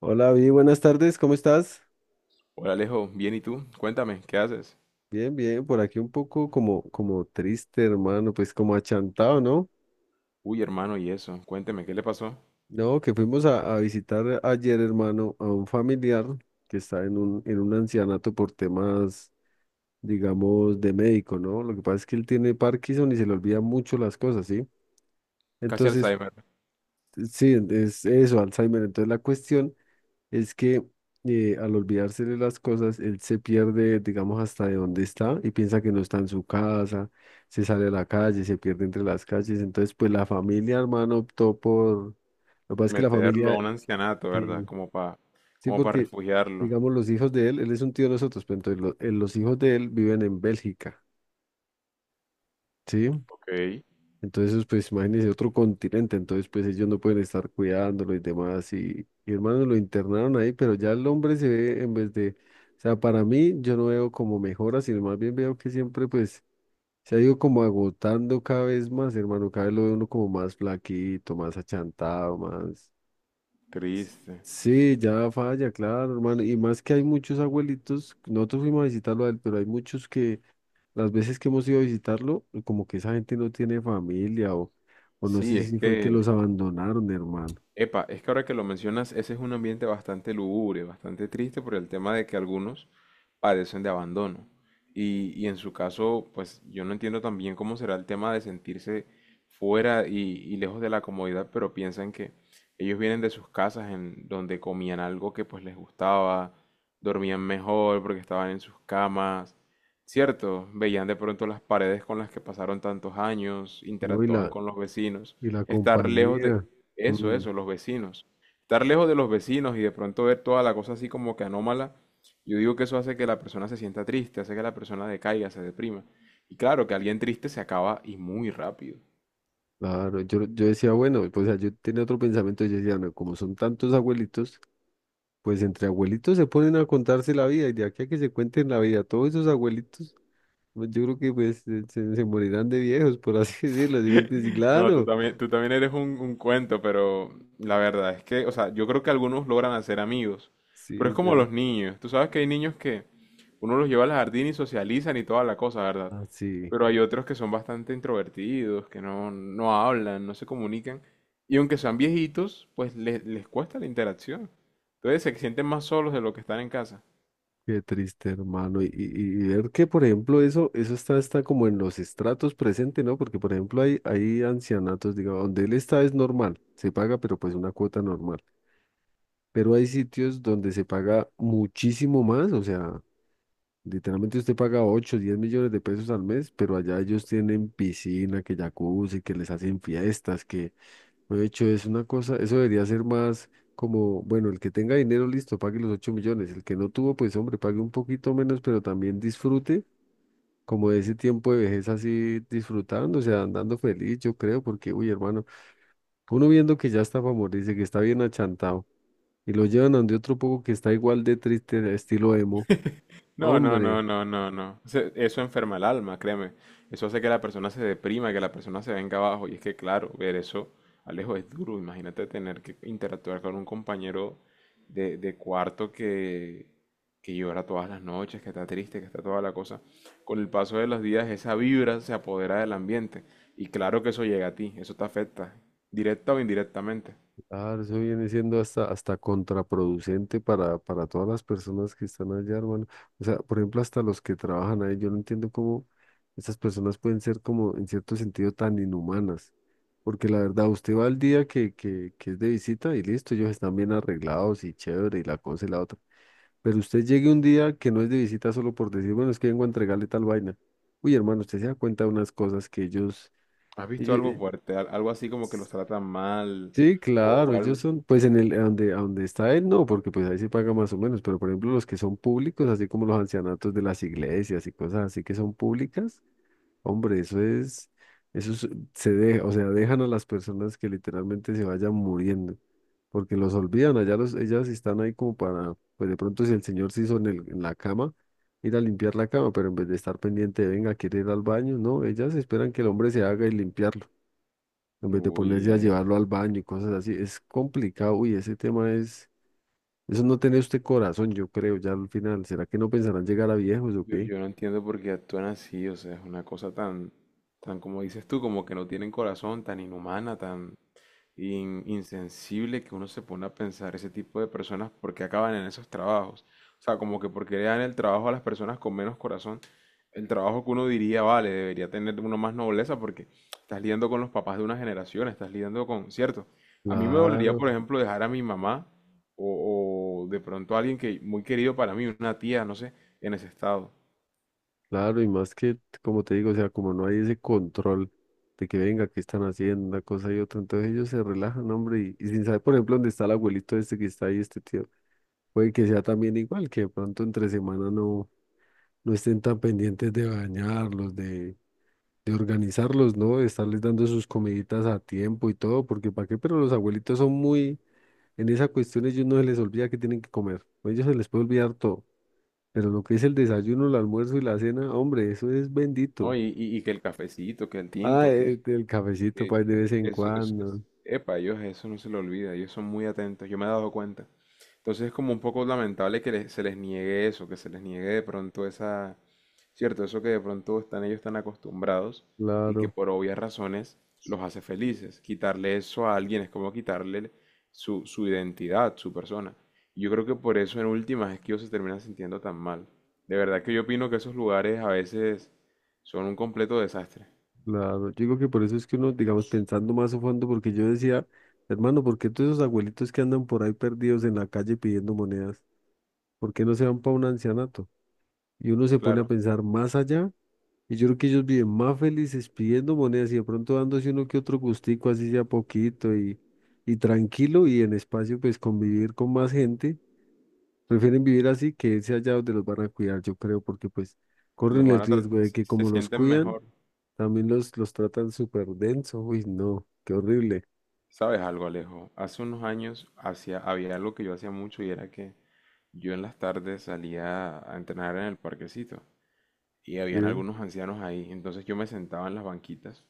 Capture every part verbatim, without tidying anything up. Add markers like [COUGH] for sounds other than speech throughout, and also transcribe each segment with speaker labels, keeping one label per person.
Speaker 1: Hola, bien, buenas tardes, ¿cómo estás?
Speaker 2: Hola Alejo, bien y tú, cuéntame, ¿qué haces?
Speaker 1: Bien, bien, por aquí un poco como, como triste, hermano, pues como achantado, ¿no?
Speaker 2: Uy hermano, y eso, cuénteme, ¿qué le pasó?
Speaker 1: No, que fuimos a, a visitar ayer, hermano, a un familiar que está en un, en un ancianato por temas, digamos, de médico, ¿no? Lo que pasa es que él tiene Parkinson y se le olvida mucho las cosas, ¿sí?
Speaker 2: Casi
Speaker 1: Entonces,
Speaker 2: Alzheimer,
Speaker 1: sí, es eso, Alzheimer. Entonces la cuestión es que eh, al olvidarse de las cosas, él se pierde, digamos, hasta de dónde está y piensa que no está en su casa, se sale a la calle, se pierde entre las calles. Entonces, pues la familia, hermano, optó por... Lo que pasa es que la
Speaker 2: meterlo a
Speaker 1: familia,
Speaker 2: un ancianato, ¿verdad?
Speaker 1: sí,
Speaker 2: Como para
Speaker 1: sí,
Speaker 2: como para
Speaker 1: porque,
Speaker 2: refugiarlo.
Speaker 1: digamos, los hijos de él, él es un tío de nosotros, pero entonces lo- eh, los hijos de él viven en Bélgica, ¿sí?
Speaker 2: Ok,
Speaker 1: Entonces, pues imagínense otro continente, entonces pues ellos no pueden estar cuidándolo y demás. Y, y, hermano, lo internaron ahí, pero ya el hombre se ve en vez de, o sea, para mí yo no veo como mejora, sino más bien veo que siempre pues se ha ido como agotando cada vez más, hermano, cada vez lo ve uno como más flaquito, más achantado, más...
Speaker 2: triste.
Speaker 1: Sí, ya falla, claro, hermano. Y más que hay muchos abuelitos, nosotros fuimos a visitarlo a él, pero hay muchos que las veces que hemos ido a visitarlo, como que esa gente no tiene familia o no
Speaker 2: Sí,
Speaker 1: sé
Speaker 2: es
Speaker 1: si fue que los
Speaker 2: que
Speaker 1: abandonaron, hermano.
Speaker 2: epa, es que ahora que lo mencionas, ese es un ambiente bastante lúgubre, bastante triste por el tema de que algunos padecen de abandono. Y, y en su caso, pues yo no entiendo también cómo será el tema de sentirse fuera y, y lejos de la comodidad, pero piensan que ellos vienen de sus casas en donde comían algo que pues les gustaba, dormían mejor porque estaban en sus camas, ¿cierto? Veían de pronto las paredes con las que pasaron tantos años,
Speaker 1: No, y
Speaker 2: interactuaban
Speaker 1: la,
Speaker 2: con los vecinos,
Speaker 1: y la
Speaker 2: estar lejos de,
Speaker 1: compañía.
Speaker 2: eso,
Speaker 1: Mm,
Speaker 2: eso, los vecinos. Estar lejos de los vecinos y de pronto ver toda la cosa así como que anómala, yo digo que eso hace que la persona se sienta triste, hace que la persona decaiga, se deprima. Y claro, que alguien triste se acaba y muy rápido.
Speaker 1: claro, yo, yo decía, bueno, pues, o sea, yo tenía otro pensamiento, yo decía, no, como son tantos abuelitos, pues entre abuelitos se ponen a contarse la vida, y de aquí a que se cuenten la vida, todos esos abuelitos, pues, yo creo que pues se, se- se morirán de viejos, por así [LAUGHS] decirlo, ¿sí me entiendes? Y
Speaker 2: No, tú
Speaker 1: claro,
Speaker 2: también, tú también eres un, un cuento, pero la verdad es que, o sea, yo creo que algunos logran hacer amigos, pero
Speaker 1: sí,
Speaker 2: es como
Speaker 1: pero,
Speaker 2: los niños. Tú sabes que hay niños que uno los lleva al jardín y socializan y toda la cosa, ¿verdad?
Speaker 1: ah, sí.
Speaker 2: Pero hay otros que son bastante introvertidos, que no, no hablan, no se comunican, y aunque sean viejitos, pues les, les cuesta la interacción. Entonces se sienten más solos de lo que están en casa.
Speaker 1: Qué triste, hermano. Y, y- y ver que, por ejemplo, eso, eso está, está como en los estratos presentes, ¿no? Porque, por ejemplo, hay, hay ancianatos, digamos, donde él está es normal, se paga, pero pues una cuota normal. Pero hay sitios donde se paga muchísimo más, o sea, literalmente usted paga ocho a diez millones de pesos al mes, pero allá ellos tienen piscina, que jacuzzi, que les hacen fiestas, de hecho, es una cosa, eso debería ser más como, bueno, el que tenga dinero, listo, pague los ocho millones. El que no tuvo, pues hombre, pague un poquito menos, pero también disfrute como de ese tiempo de vejez así disfrutando, o sea, andando feliz, yo creo, porque, uy, hermano, uno viendo que ya está para morirse, que está bien achantado, y lo llevan a donde otro poco que está igual de triste, estilo emo.
Speaker 2: No, no,
Speaker 1: Hombre.
Speaker 2: no, no, no, no. Se- eso enferma el alma, créeme. Eso hace que la persona se deprima, que la persona se venga abajo. Y es que, claro, ver eso, Alejo, es duro. Imagínate tener que interactuar con un compañero de, de cuarto que, que llora todas las noches, que está triste, que está toda la cosa. Con el paso de los días, esa vibra se apodera del ambiente. Y claro que eso llega a ti, eso te afecta, directa o indirectamente.
Speaker 1: Claro, eso viene siendo hasta, hasta contraproducente para, para todas las personas que están allá, hermano. O sea, por ejemplo, hasta los que trabajan ahí, yo no entiendo cómo esas personas pueden ser como, en cierto sentido, tan inhumanas. Porque la verdad, usted va al día que, que, que es de visita y listo, ellos están bien arreglados y chévere y la cosa y la otra. Pero usted llegue un día que no es de visita solo por decir, bueno, es que vengo a entregarle tal vaina. Uy, hermano, usted se da cuenta de unas cosas que ellos,
Speaker 2: ¿Has visto algo
Speaker 1: ellos,
Speaker 2: fuerte? Al- algo así como que los tratan mal
Speaker 1: sí,
Speaker 2: o,
Speaker 1: claro,
Speaker 2: o
Speaker 1: ellos
Speaker 2: algo.
Speaker 1: son, pues en el, a donde, a donde está él, no, porque pues ahí se paga más o menos, pero por ejemplo los que son públicos, así como los ancianatos de las iglesias y cosas así que son públicas, hombre, eso es, eso es- se deja, o sea, dejan a las personas que literalmente se vayan muriendo, porque los olvidan, allá los, ellas están ahí como para, pues de pronto si el señor se hizo en el, en la cama, ir a limpiar la cama, pero en vez de estar pendiente, venga, quiere ir al baño, no, ellas esperan que el hombre se haga y limpiarlo en vez de
Speaker 2: Uy,
Speaker 1: ponerse a
Speaker 2: es.
Speaker 1: llevarlo al baño y cosas así, es complicado, uy, ese tema es, eso no tiene usted corazón, yo creo, ya al final, ¿será que no pensarán llegar a viejos o
Speaker 2: Yo,
Speaker 1: qué?
Speaker 2: yo no entiendo por qué actúan así, o sea, es una cosa tan, tan como dices tú, como que no tienen corazón, tan inhumana, tan in- insensible que uno se pone a pensar ese tipo de personas porque acaban en esos trabajos. O sea, como que porque le dan el trabajo a las personas con menos corazón, el trabajo que uno diría, vale, debería tener uno más nobleza porque estás lidiando con los papás de una generación, estás lidiando con, cierto. A mí me dolería, por
Speaker 1: Claro,
Speaker 2: ejemplo, dejar a mi mamá o, o de pronto a alguien que muy querido para mí, una tía, no sé, en ese estado.
Speaker 1: claro, y más que, como te digo, o sea, como no hay ese control de que venga, qué están haciendo, una cosa y otra, entonces ellos se relajan, hombre, y, y sin saber, por ejemplo, dónde está el abuelito este que está ahí, este tío, puede que sea también igual, que de pronto entre semana no, no estén tan pendientes de bañarlos, de de organizarlos, ¿no? De estarles dando sus comiditas a tiempo y todo, porque ¿para qué? Pero los abuelitos son muy, en esa cuestión ellos no se les olvida que tienen que comer, a ellos se les puede olvidar todo, pero lo que es el desayuno, el almuerzo y la cena, hombre, eso es
Speaker 2: No,
Speaker 1: bendito.
Speaker 2: y, y- y que el cafecito, que el
Speaker 1: Ah,
Speaker 2: tinto, que,
Speaker 1: el, el cafecito,
Speaker 2: que,
Speaker 1: pues, de vez
Speaker 2: que
Speaker 1: en
Speaker 2: eso, es,
Speaker 1: cuando,
Speaker 2: es- epa, ellos eso no se lo olvida, ellos son muy atentos, yo me he dado cuenta. Entonces es como un poco lamentable que le- se les niegue eso, que se les niegue de pronto esa, cierto, eso que de pronto están ellos tan acostumbrados y que
Speaker 1: claro,
Speaker 2: por obvias razones los hace felices. Quitarle eso a alguien es como quitarle su, su identidad, su persona. Y yo creo que por eso en últimas es que ellos se terminan sintiendo tan mal. De verdad que yo opino que esos lugares a veces son un completo desastre.
Speaker 1: claro. Yo digo que por eso es que uno, digamos, pensando más a fondo, porque yo decía, hermano, ¿por qué todos esos abuelitos que andan por ahí perdidos en la calle pidiendo monedas, ¿por qué no se van para un ancianato? Y uno se pone a
Speaker 2: Claro.
Speaker 1: pensar más allá. Y yo creo que ellos viven más felices pidiendo monedas y de pronto dándose uno que otro gustico, así sea poquito y, y tranquilo y en espacio, pues convivir con más gente. Prefieren vivir así que irse allá donde los van a cuidar, yo creo, porque pues corren
Speaker 2: Los
Speaker 1: el
Speaker 2: van a tratar,
Speaker 1: riesgo de que
Speaker 2: se
Speaker 1: como los
Speaker 2: sienten
Speaker 1: cuidan,
Speaker 2: mejor.
Speaker 1: también los, los tratan súper denso. Uy, no, qué horrible.
Speaker 2: ¿Sabes algo, Alejo? Hace unos años hacía, había algo que yo hacía mucho y era que yo en las tardes salía a entrenar en el parquecito y
Speaker 1: Sí,
Speaker 2: habían algunos ancianos ahí. Entonces yo me sentaba en las banquitas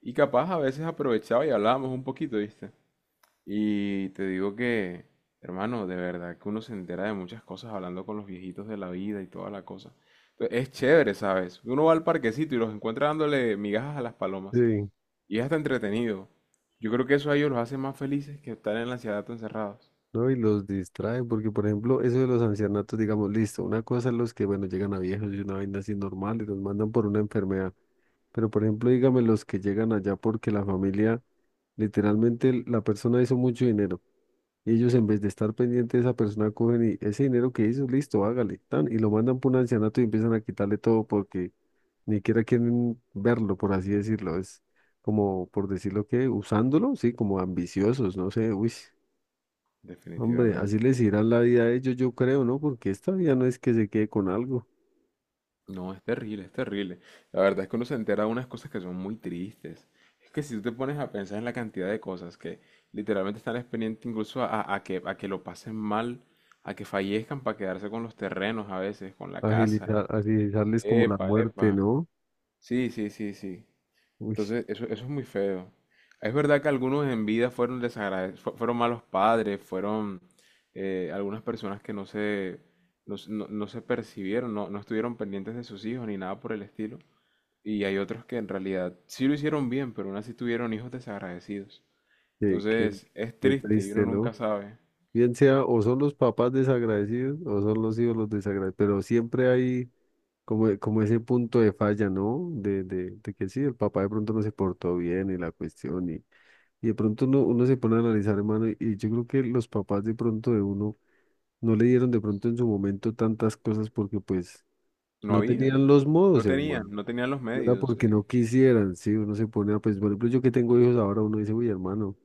Speaker 2: y capaz a veces aprovechaba y hablábamos un poquito, ¿viste? Y te digo que, hermano, de verdad que uno se entera de muchas cosas hablando con los viejitos de la vida y toda la cosa. Entonces, es chévere, ¿sabes? Uno va al parquecito y los encuentra dándole migajas a las palomas.
Speaker 1: sí,
Speaker 2: Y es hasta entretenido. Yo creo que eso a ellos los hace más felices que estar en la ciudad tan encerrados.
Speaker 1: ¿no? Y los distraen, porque por ejemplo, eso de los ancianatos, digamos, listo, una cosa es los que, bueno, llegan a viejos y una vaina así normal y los mandan por una enfermedad. Pero por ejemplo, dígame los que llegan allá porque la familia, literalmente l- la persona hizo mucho dinero y ellos en vez de estar pendientes de esa persona cogen y ese dinero que hizo, listo, hágale, tan, y lo mandan por un ancianato y empiezan a quitarle todo porque ni siquiera quieren verlo, por así decirlo. Es como, por decirlo que, usándolo, sí, como ambiciosos, no sé, uy, hombre, así
Speaker 2: Definitivamente.
Speaker 1: les irá la vida a ellos, yo creo, ¿no? Porque esta vida no es que se quede con algo,
Speaker 2: No, es terrible, es terrible. La verdad es que uno se entera de unas cosas que son muy tristes. Es que si tú te pones a pensar en la cantidad de cosas que literalmente están pendientes incluso a, a- a que, a que lo pasen mal, a que fallezcan para quedarse con los terrenos a veces, con la casa.
Speaker 1: agilizar, agilizarles como la
Speaker 2: Epa,
Speaker 1: muerte,
Speaker 2: epa.
Speaker 1: ¿no?
Speaker 2: Sí, sí, sí, sí.
Speaker 1: Uy.
Speaker 2: Entonces, eso, eso es muy feo. Es verdad que algunos en vida fueron desagradecidos, fueron malos padres, fueron eh, algunas personas que no se, no, se no- no se percibieron, no, no estuvieron pendientes de sus hijos ni nada por el estilo. Y hay otros que en realidad sí lo hicieron bien, pero aún así tuvieron hijos desagradecidos.
Speaker 1: Qué, qué,
Speaker 2: Entonces, es
Speaker 1: qué
Speaker 2: triste y uno
Speaker 1: triste,
Speaker 2: nunca
Speaker 1: ¿no?
Speaker 2: sabe.
Speaker 1: Bien sea, o son los papás desagradecidos o son los hijos los desagradecidos, pero siempre hay como, como ese punto de falla, ¿no? De, de, de que sí, el papá de pronto no se portó bien y la cuestión, y, y de pronto uno, uno se pone a analizar, hermano, y, y yo creo que los papás de pronto de uno no le dieron de pronto en su momento tantas cosas porque pues
Speaker 2: No
Speaker 1: no
Speaker 2: había,
Speaker 1: tenían los
Speaker 2: no
Speaker 1: modos,
Speaker 2: tenían,
Speaker 1: hermano.
Speaker 2: no tenían los
Speaker 1: No era
Speaker 2: medios
Speaker 1: porque
Speaker 2: eh,
Speaker 1: no quisieran, sí, uno se pone a, pues, por ejemplo, yo que tengo hijos ahora, uno dice, uy, hermano.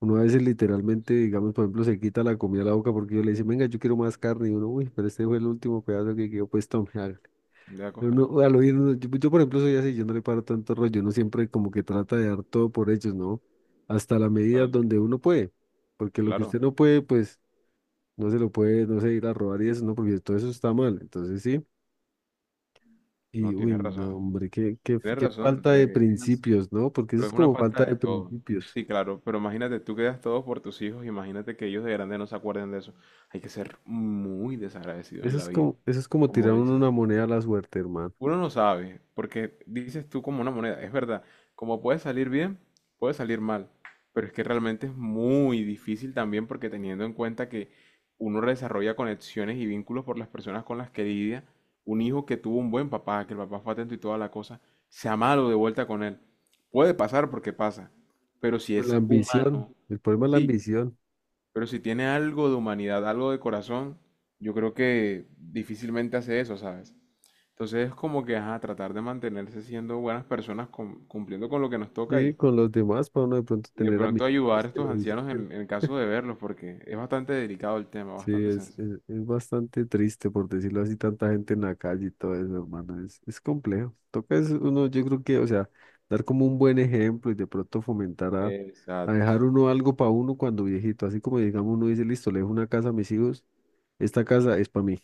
Speaker 1: Uno a veces literalmente, digamos, por ejemplo, se quita la comida a la boca porque yo le dice, venga, yo quiero más carne. Y uno, uy, pero este fue el último pedazo que quedó, pues tome, [LAUGHS] hágale".
Speaker 2: de
Speaker 1: Pero
Speaker 2: acoger.
Speaker 1: uno, al oír, uno- yo, yo, por ejemplo, soy así, yo no le paro tanto rollo, uno siempre como que trata de dar todo por ellos, ¿no? Hasta la medida
Speaker 2: Tal,
Speaker 1: donde uno puede. Porque lo que
Speaker 2: claro,
Speaker 1: usted no puede, pues, no se lo puede, no sé, ir a robar y eso, ¿no? Porque todo eso está mal. Entonces, sí. Y,
Speaker 2: no,
Speaker 1: uy,
Speaker 2: tienes
Speaker 1: no,
Speaker 2: razón.
Speaker 1: hombre, qué, qué,
Speaker 2: Tienes
Speaker 1: qué
Speaker 2: razón,
Speaker 1: falta de
Speaker 2: eh, es así.
Speaker 1: principios, ¿no? Porque eso
Speaker 2: Pero
Speaker 1: es
Speaker 2: es una
Speaker 1: como falta
Speaker 2: falta de
Speaker 1: de
Speaker 2: todo.
Speaker 1: principios.
Speaker 2: Sí, claro, pero imagínate, tú quedas todo por tus hijos, imagínate que ellos de grande no se acuerden de eso. Hay que ser muy desagradecido
Speaker 1: Eso
Speaker 2: en la
Speaker 1: es
Speaker 2: vida,
Speaker 1: como, eso es como tirar
Speaker 2: como
Speaker 1: uno
Speaker 2: dices.
Speaker 1: una moneda a la suerte, hermano.
Speaker 2: Uno no sabe, porque dices tú como una moneda, es verdad, como puede salir bien, puede salir mal, pero es que realmente es muy difícil también porque teniendo en cuenta que uno desarrolla conexiones y vínculos por las personas con las que lidia, un hijo que tuvo un buen papá, que el papá fue atento y toda la cosa, sea malo de vuelta con él. Puede pasar porque pasa, pero si
Speaker 1: Por la
Speaker 2: es
Speaker 1: ambición,
Speaker 2: humano,
Speaker 1: el problema es la
Speaker 2: sí,
Speaker 1: ambición.
Speaker 2: pero si tiene algo de humanidad, algo de corazón, yo creo que difícilmente hace eso, ¿sabes? Entonces es como que, ajá, tratar de mantenerse siendo buenas personas, cum- cumpliendo con lo que nos toca
Speaker 1: Sí,
Speaker 2: y,
Speaker 1: con los demás, para uno de pronto
Speaker 2: y de
Speaker 1: tener
Speaker 2: pronto
Speaker 1: amigos
Speaker 2: ayudar a
Speaker 1: que
Speaker 2: estos
Speaker 1: lo
Speaker 2: ancianos
Speaker 1: visiten.
Speaker 2: en, en caso de verlos, porque es bastante delicado el tema,
Speaker 1: Sí,
Speaker 2: bastante
Speaker 1: es,
Speaker 2: sensible.
Speaker 1: es, es bastante triste, por decirlo así, tanta gente en la calle y todo eso, hermano. Es, es complejo. Toca es uno, yo creo que, o sea, dar como un buen ejemplo y de pronto fomentar a, a
Speaker 2: Exacto,
Speaker 1: dejar uno algo para uno cuando viejito. Así como digamos, uno dice, listo, le dejo una casa a mis hijos, esta casa es para mí.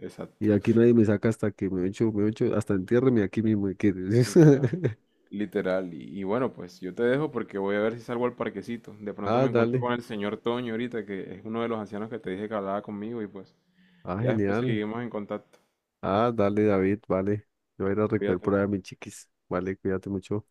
Speaker 2: exacto,
Speaker 1: Y aquí nadie me saca hasta que me echo, me echo, hasta entiérreme aquí mismo. Y que-
Speaker 2: literal,
Speaker 1: [LAUGHS]
Speaker 2: literal. Y, y bueno, pues yo te dejo porque voy a ver si salgo al parquecito. De pronto
Speaker 1: Ah,
Speaker 2: me encuentro
Speaker 1: dale.
Speaker 2: con el señor Toño ahorita, que es uno de los ancianos que te dije que hablaba conmigo y pues
Speaker 1: Ah,
Speaker 2: ya después
Speaker 1: genial.
Speaker 2: seguimos en contacto.
Speaker 1: Ah, dale, David, vale. Yo voy a ir a recoger por
Speaker 2: Cuídate.
Speaker 1: ahí a mis chiquis. Vale, cuídate mucho.